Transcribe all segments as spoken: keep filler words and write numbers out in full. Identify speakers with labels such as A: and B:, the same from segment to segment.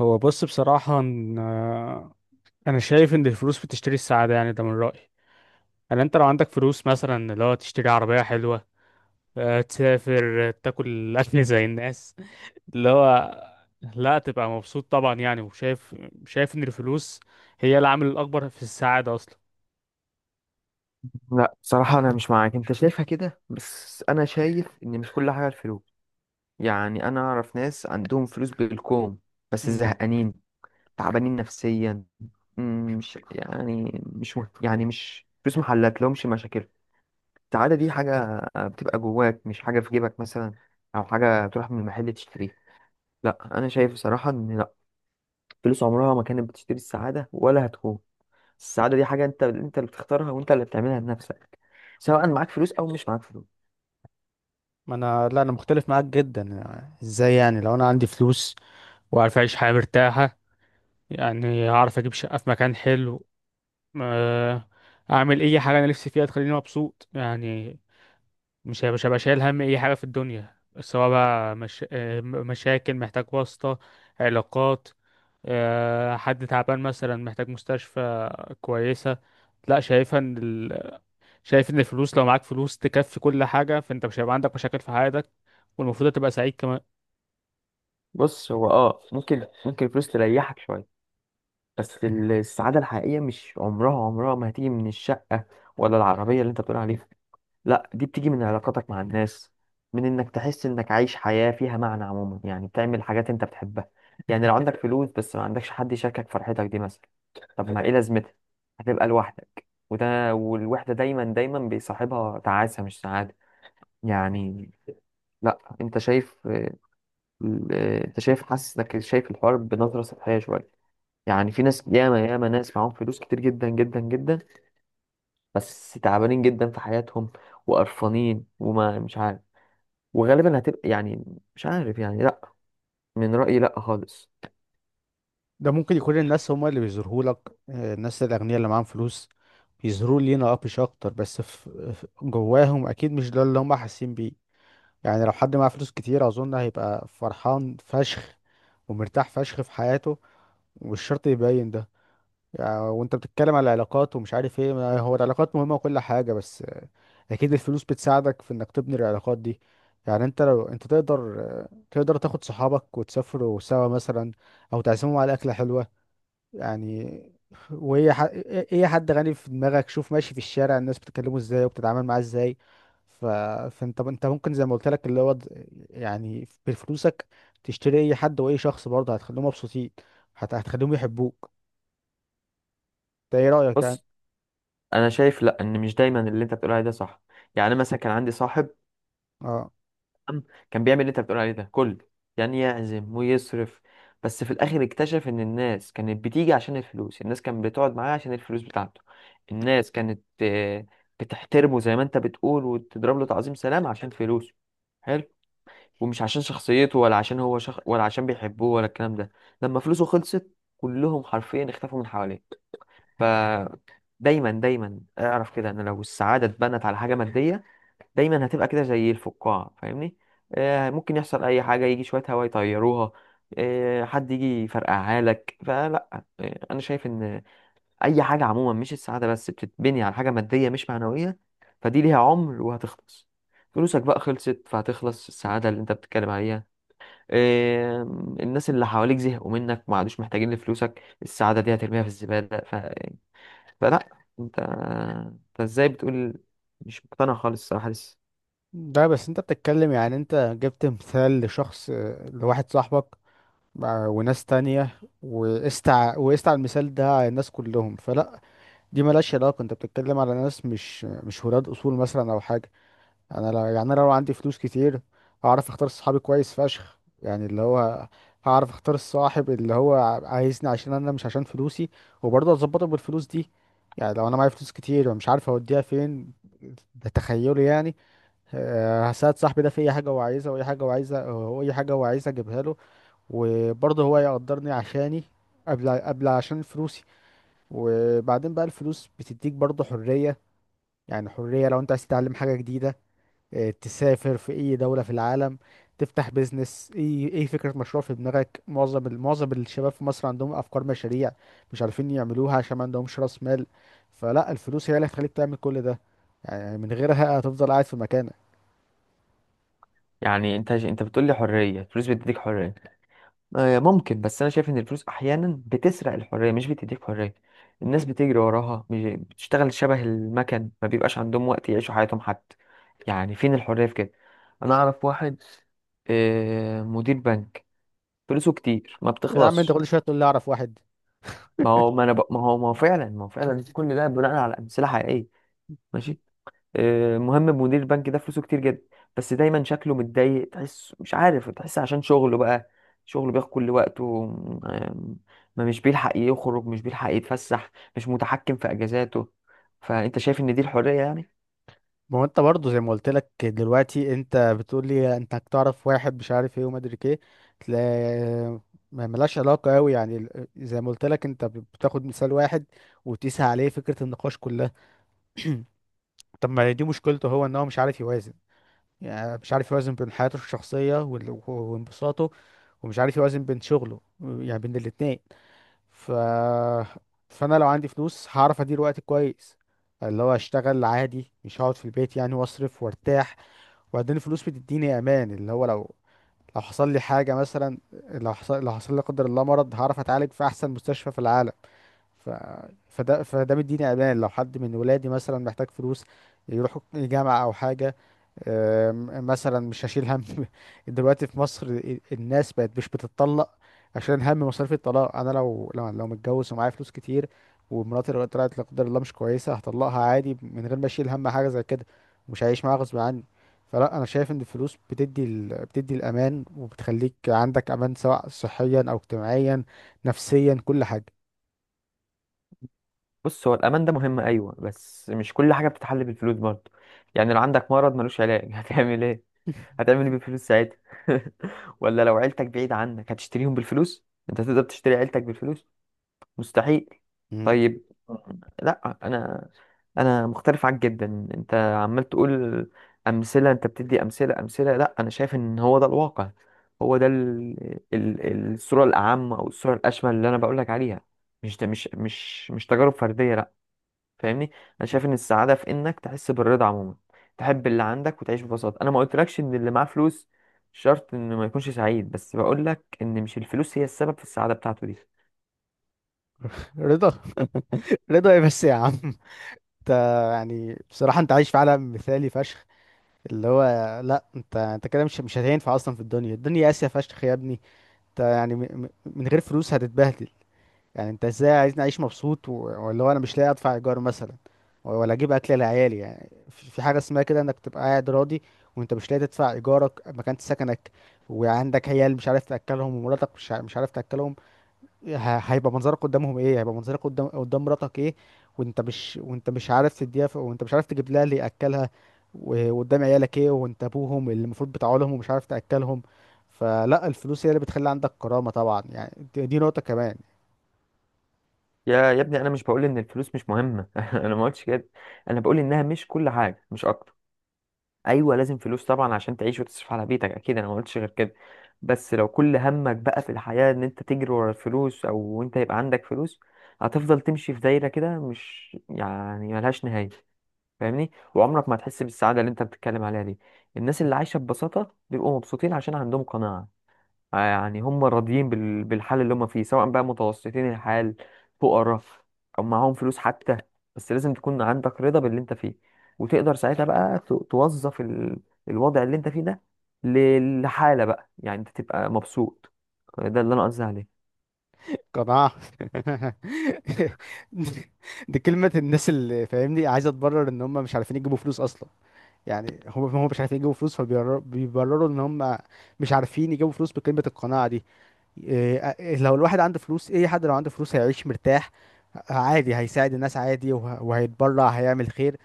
A: هو بص بصراحة إن- آه، أنا شايف إن الفلوس بتشتري السعادة، يعني ده من رأيي. يعني أنت لو عندك فلوس مثلا اللي هو تشتري عربية حلوة، آه، تسافر، آه، تاكل أكل زي الناس اللي هو لا تبقى مبسوط طبعا، يعني وشايف شايف إن الفلوس هي العامل الأكبر في السعادة أصلا.
B: لا، بصراحة أنا مش معاك. أنت شايفها كده، بس أنا شايف إن مش كل حاجة الفلوس. يعني أنا أعرف ناس عندهم فلوس بالكوم، بس
A: مم.
B: زهقانين، تعبانين نفسيا. مم، مش يعني مش مه- يعني مش فلوس محلات لهمش مشاكل. السعادة دي حاجة بتبقى جواك، مش حاجة في جيبك مثلا، أو حاجة تروح من المحل تشتريها. لا، أنا شايف بصراحة إن لا، فلوس عمرها ما كانت بتشتري السعادة ولا هتكون. السعادة دي حاجة أنت أنت اللي بتختارها، وأنت اللي بتعملها بنفسك، سواء معاك فلوس أو مش معاك فلوس.
A: ما انا لا انا مختلف معاك جدا. يعني ازاي؟ يعني لو انا عندي فلوس وعارف أعيش حياة مرتاحة، يعني هعرف أجيب شقة في مكان حلو، آه، اعمل اي حاجه انا نفسي فيها تخليني مبسوط. يعني مش هبقى مش هبقى شايل هم اي حاجه في الدنيا، سواء بقى مش... آه، م- مشاكل، محتاج واسطه، علاقات، آه، حد تعبان مثلا محتاج مستشفى كويسه. لا شايفها ان ال... شايف ان الفلوس لو معاك فلوس تكفي كل حاجه، فانت مش هيبقى عندك مشاكل في حياتك، والمفروض تبقى سعيد كمان.
B: بص، هو اه ممكن ممكن الفلوس تريحك شويه. بس ال- السعاده الحقيقيه مش عمرها عمرها ما هتيجي من الشقه، ولا العربيه اللي انت بتقول عليها. لا، دي بتيجي من علاقاتك مع الناس، من انك تحس انك عايش حياه فيها معنى. عموما يعني بتعمل حاجات انت بتحبها. يعني لو عندك فلوس بس ما عندكش حد يشاركك فرحتك دي مثلا، طب ما ايه لازمتها؟ هتبقى لوحدك. وده والوحده دايما دايما بيصاحبها تعاسه، مش سعاده. يعني لا، انت شايف ال- آه، انت شايف، حاسس انك شايف الحوار بنظره سطحيه شويه. يعني في ناس، ياما ياما ناس معاهم فلوس كتير جدا جدا جدا، بس تعبانين جدا في حياتهم وقرفانين. وما مش عارف، وغالبا هتبقى يعني مش عارف يعني. لا، من رايي لا خالص.
A: ده ممكن يكون الناس هما اللي بيظهروا لك، الناس الأغنياء اللي معاهم فلوس بيظهروا لينا أبيش أكتر، بس في في- جواهم أكيد مش ده اللي هما حاسين بيه. يعني لو حد معاه فلوس كتير أظن هيبقى فرحان فشخ ومرتاح فشخ في حياته، ومش شرط يبين ده. يعني وأنت بتتكلم على العلاقات ومش عارف إيه، ما هو العلاقات مهمة وكل حاجة، بس آه، أكيد الفلوس بتساعدك في إنك تبني العلاقات دي. يعني أنت لو أنت تقدر، آه، تقدر تاخد صحابك وتسافروا سوا مثلا، أو تعزمهم على أكلة حلوة يعني. وايه ح... ايه حد غني في دماغك، شوف ماشي في الشارع الناس بتكلمه ازاي وبتتعامل معاه ازاي. ف... فانت انت ممكن زي ما قلت لك، اللي هو د- يعني بفلوسك تشتري اي حد، واي شخص برضه هتخليهم مبسوطين، هت... هتخليهم يحبوك. ده ايه رأيك يعني؟
B: بص، انا شايف لا، ان مش دايما اللي انت بتقول عليه ده صح. يعني أنا مثلا كان عندي صاحب،
A: اه،
B: كان بيعمل اللي انت بتقول عليه ده كله، يعني يعزم ويصرف. بس في الاخر اكتشف ان الناس كانت بتيجي عشان الفلوس، الناس كانت بتقعد معاه عشان الفلوس بتاعته. الناس كانت آه، بتحترمه زي ما انت بتقول، وتضرب له تعظيم سلام عشان فلوسه. حلو، ومش عشان شخصيته، ولا عشان هو شخ... ولا عشان بيحبوه، ولا الكلام ده. لما فلوسه خلصت، كلهم حرفيا اختفوا من حواليه. ف دايما دايما اعرف كده، ان لو السعادة اتبنت على حاجة مادية، دايما هتبقى كده زي الفقاعة، فاهمني؟ آه، ممكن يحصل أي حاجة، يجي شوية هوا يطيروها. آه، حد يجي يفرقعها لك. فلا. آه، أنا شايف إن أي حاجة عموما، مش السعادة بس، بتتبني على حاجة مادية مش معنوية. فدي ليها عمر وهتخلص. فلوسك بقى خلصت، فهتخلص السعادة اللي أنت بتتكلم عليها. آه، الناس اللي حواليك زهقوا منك، ما عادوش محتاجين لفلوسك. السعادة دي هترميها في الزبالة. ف... فلا، أنت أنت إزاي بتقول؟ مش مقتنع خالص الصراحة لسه.
A: ده بس انت بتتكلم، يعني انت جبت مثال لشخص، آه، لواحد صاحبك، آه، وناس تانية، وقست ع- وقست على المثال ده على الناس كلهم. فلا، دي ملهاش علاقة، انت بتتكلم على ناس مش مش ولاد اصول مثلا او حاجة. انا لا، يعني انا لو عندي فلوس كتير هعرف اختار صحابي كويس فشخ، يعني اللي هو هعرف اختار الصاحب اللي هو عايزني عشان انا مش عشان فلوسي، وبرضه اظبطه بالفلوس دي. يعني لو انا معايا فلوس كتير ومش عارف اوديها فين، ده تخيلي يعني، آه، هساعد صاحبي ده في اي حاجة هو عايزها، واي حاجة هو عايزها، واي حاجة هو عايزها اجيبها له. وبرضه هو يقدرني عشاني، قبل قبل عشان فلوسي. وبعدين بقى الفلوس بتديك برضه حرية. يعني حرية لو انت عايز تتعلم حاجة جديدة، اه، تسافر في اي دولة في العالم، تفتح بيزنس، اي اي فكرة مشروع في دماغك. معظم ال- معظم الشباب في مصر عندهم افكار مشاريع مش عارفين يعملوها عشان ما عندهمش راس مال. فلا، الفلوس هي اللي هتخليك تعمل كل ده، يعني من غيرها هتفضل قاعد في مكانك.
B: يعني انت انت بتقول لي حريه، الفلوس بتديك حريه. آه، ممكن. بس انا شايف ان الفلوس احيانا بتسرق الحريه مش بتديك حريه. الناس بتجري وراها، مش- بتشتغل شبه المكن، ما بيبقاش عندهم وقت يعيشوا حياتهم حتى. يعني فين الحريه في كده؟ انا اعرف واحد، آه، مدير بنك، فلوسه كتير ما
A: يا عم انت
B: بتخلصش.
A: كل شوية تقول لي اعرف واحد!
B: ما هو ما انا ب... ما هو ما هو فعلا ما هو فعلا كل ده بناء على امثله حقيقيه. ماشي. آه، مهم، مدير البنك ده فلوسه كتير جدا، بس دايما شكله متضايق. تحس مش عارف تحس عشان شغله بقى، شغله بياخد كل وقته. آم، ما مش بيلحق يخرج، مش بيلحق يتفسح، مش متحكم في اجازاته. فانت شايف ان دي الحرية يعني؟
A: ما هو انت برضه زي ما قلت لك دلوقتي، انت بتقول لي انت هتعرف واحد مش عارف ايه وما ادري ايه، تلاقي ما ملهاش علاقه قوي. يعني ال- زي ما قلت لك، انت بتاخد مثال واحد وتقيس عليه فكره النقاش كلها. طب ما دي مشكلته هو، ان هو مش عارف يوازن. يعني مش عارف يوازن بين حياته الشخصيه وال- وانبساطه، ومش عارف يوازن بين شغله، يعني بين الاتنين. ف فانا لو عندي فلوس هعرف ادير وقتي كويس، اللي هو اشتغل عادي، مش هقعد في البيت يعني، واصرف وارتاح. وبعدين الفلوس بتديني امان، اللي هو لو لو حصل لي حاجه مثلا، لو حصل لو حصل لي لا قدر الله مرض، هعرف اتعالج في احسن مستشفى في العالم. ف... فده فده مديني امان. لو حد من ولادي مثلا محتاج فلوس يروحوا الجامعه او حاجه، أم، مثلا مش هشيل هم. دلوقتي في مصر الناس بقت مش بتتطلق عشان هم مصاريف الطلاق. انا لو لو لو متجوز ومعايا فلوس كتير، ومراتي لو طلعت لا قدر الله مش كويسه، هطلقها عادي من غير ما اشيل هم حاجه زي كده، مش هعيش معاها غصب عني. فلا، انا شايف ان الفلوس بتدي ال... بتدي الامان وبتخليك عندك امان، سواء صحيا او اجتماعيا، نفسيا، كل حاجه.
B: بص، هو الامان ده مهم، ايوه، بس مش كل حاجة بتتحل بالفلوس برضه. يعني لو عندك مرض ملوش علاج هتعمل ايه؟ هتعمل ايه بالفلوس ساعتها؟ ولا لو عيلتك بعيد عنك هتشتريهم بالفلوس؟ انت تقدر تشتري عيلتك بالفلوس؟ مستحيل.
A: مم.
B: طيب. آه. لا، انا انا مختلف عنك جدا. انت عمال تقول امثله، انت بتدي امثله، امثله. لا، انا شايف ان هو ده الواقع، هو ده ال... ال... الصوره الاعم، او الصوره الاشمل اللي انا بقول لك عليها. مش ده، مش مش مش تجارب فرديه. لا، فاهمني؟ انا شايف ان السعاده في انك تحس بالرضا عموما، تحب اللي عندك وتعيش ببساطه. انا ما قلتلكش ان اللي معاه فلوس شرط انه ما يكونش سعيد، بس بقول لك ان مش الفلوس هي السبب في السعاده بتاعته دي.
A: رضا؟ رضا ايه بس يا عم انت؟ يعني بصراحه انت عايش في عالم مثالي فشخ، اللي هو، لا انت انت كده مش مش هتنفع اصلا في الدنيا. الدنيا قاسيه فشخ يا ابني. انت يعني م... م- من غير فلوس هتتبهدل. يعني انت ازاي عايزني اعيش مبسوط و- ولا هو انا مش لاقي ادفع ايجار مثلا، ولا اجيب اكل لعيالي؟ يعني في في حاجه اسمها كده انك تبقى قاعد راضي وانت مش لاقي تدفع ايجارك مكان سكنك، وعندك عيال مش عارف تاكلهم، ومراتك مش ع- مش عارف تاكلهم؟ ه- هيبقى منظرك قدامهم ايه؟ هيبقى منظرك قدام قدام مراتك ايه؟ وانت مش وانت مش عارف تديها، ف- وانت مش عارف تجيب لها اللي ياكلها، و- وقدام عيالك ايه وانت ابوهم اللي المفروض بتاع لهم ومش عارف تاكلهم؟ فلا، الفلوس هي اللي بتخلي عندك كرامه طبعا، يعني دي دي نقطه كمان.
B: يا يا ابني، انا مش بقول ان الفلوس مش مهمه. انا ما قلتش كده. انا بقول انها مش كل حاجه، مش اكتر. ايوه، لازم فلوس طبعا عشان تعيش وتصرف على بيتك، اكيد انا ما قلتش غير كده. بس لو كل همك بقى في الحياه ان انت تجري ورا الفلوس او انت يبقى عندك فلوس، هتفضل تمشي في دايره كده، مش يعني ملهاش نهايه. فاهمني؟ وعمرك ما هتحس بالسعاده اللي انت بتتكلم عليها دي. الناس اللي عايشه ببساطه بيبقوا مبسوطين، عشان عندهم قناعه. آه، يعني هم راضيين بال- بالحال اللي هم فيه، سواء بقى متوسطين الحال، فقراء، او معاهم فلوس حتى. بس لازم تكون عندك رضا باللي انت فيه، وتقدر ساعتها بقى ت- توظف ال- الوضع اللي انت فيه ده ل- لحالة بقى، يعني انت تبقى مبسوط. ده اللي انا قصدي عليه.
A: قناعة؟ دي كلمة الناس اللي فاهمني عايزة تبرر ان هم مش عارفين يجيبوا فلوس اصلا. يعني هم هم مش عارفين يجيبوا فلوس، فبيبرروا ان هم مش عارفين يجيبوا فلوس بكلمة القناعة دي. إيه، إيه، لو الواحد عنده فلوس، اي حد لو عنده فلوس هيعيش مرتاح عادي، هيساعد الناس عادي، وه- وهيتبرع، هيعمل خير،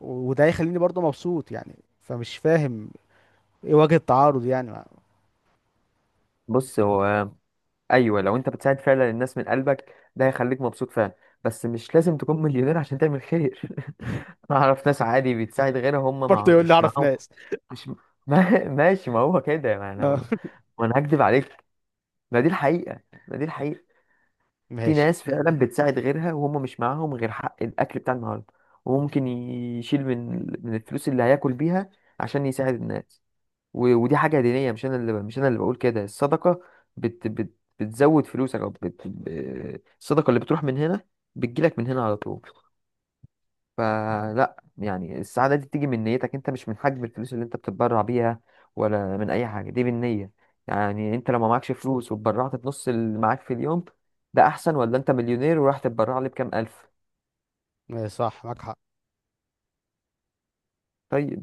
A: وده هيخليني برضه مبسوط يعني. فمش فاهم ايه وجه التعارض يعني.
B: بص، هو ايوه، لو انت بتساعد فعلا الناس من قلبك، ده هيخليك مبسوط فعلا. بس مش لازم تكون مليونير عشان تعمل خير. انا اعرف ناس عادي بتساعد غيرها، هم مع...
A: برضه يقول لي
B: مش
A: اعرف
B: معاهم.
A: ناس!
B: مش ما... ماشي، ما هو كده. ما انا وانا هكدب عليك؟ ما دي الحقيقة، ما دي الحقيقة. في
A: ماشي.
B: ناس فعلا بتساعد غيرها، وهم مش معاهم غير حق الاكل بتاع النهارده. وممكن يشيل من من الفلوس اللي هياكل بيها عشان يساعد الناس. و- ودي حاجة دينية. مش أنا اللي مش أنا اللي بقول كده. الصدقة بت بت بتزود فلوسك، أو بت ب- الصدقة اللي بتروح من هنا بتجيلك من هنا على طول. فلا يعني، السعادة دي بتيجي من نيتك أنت، مش من حجم الفلوس اللي أنت بتتبرع بيها. ولا من أي حاجة. دي بالنية. يعني أنت لو ما معكش فلوس واتبرعت بنص اللي معاك في اليوم، ده أحسن، ولا أنت مليونير وراح تتبرع لي بكام ألف؟
A: ماشي، صح معاك حق.
B: طيب.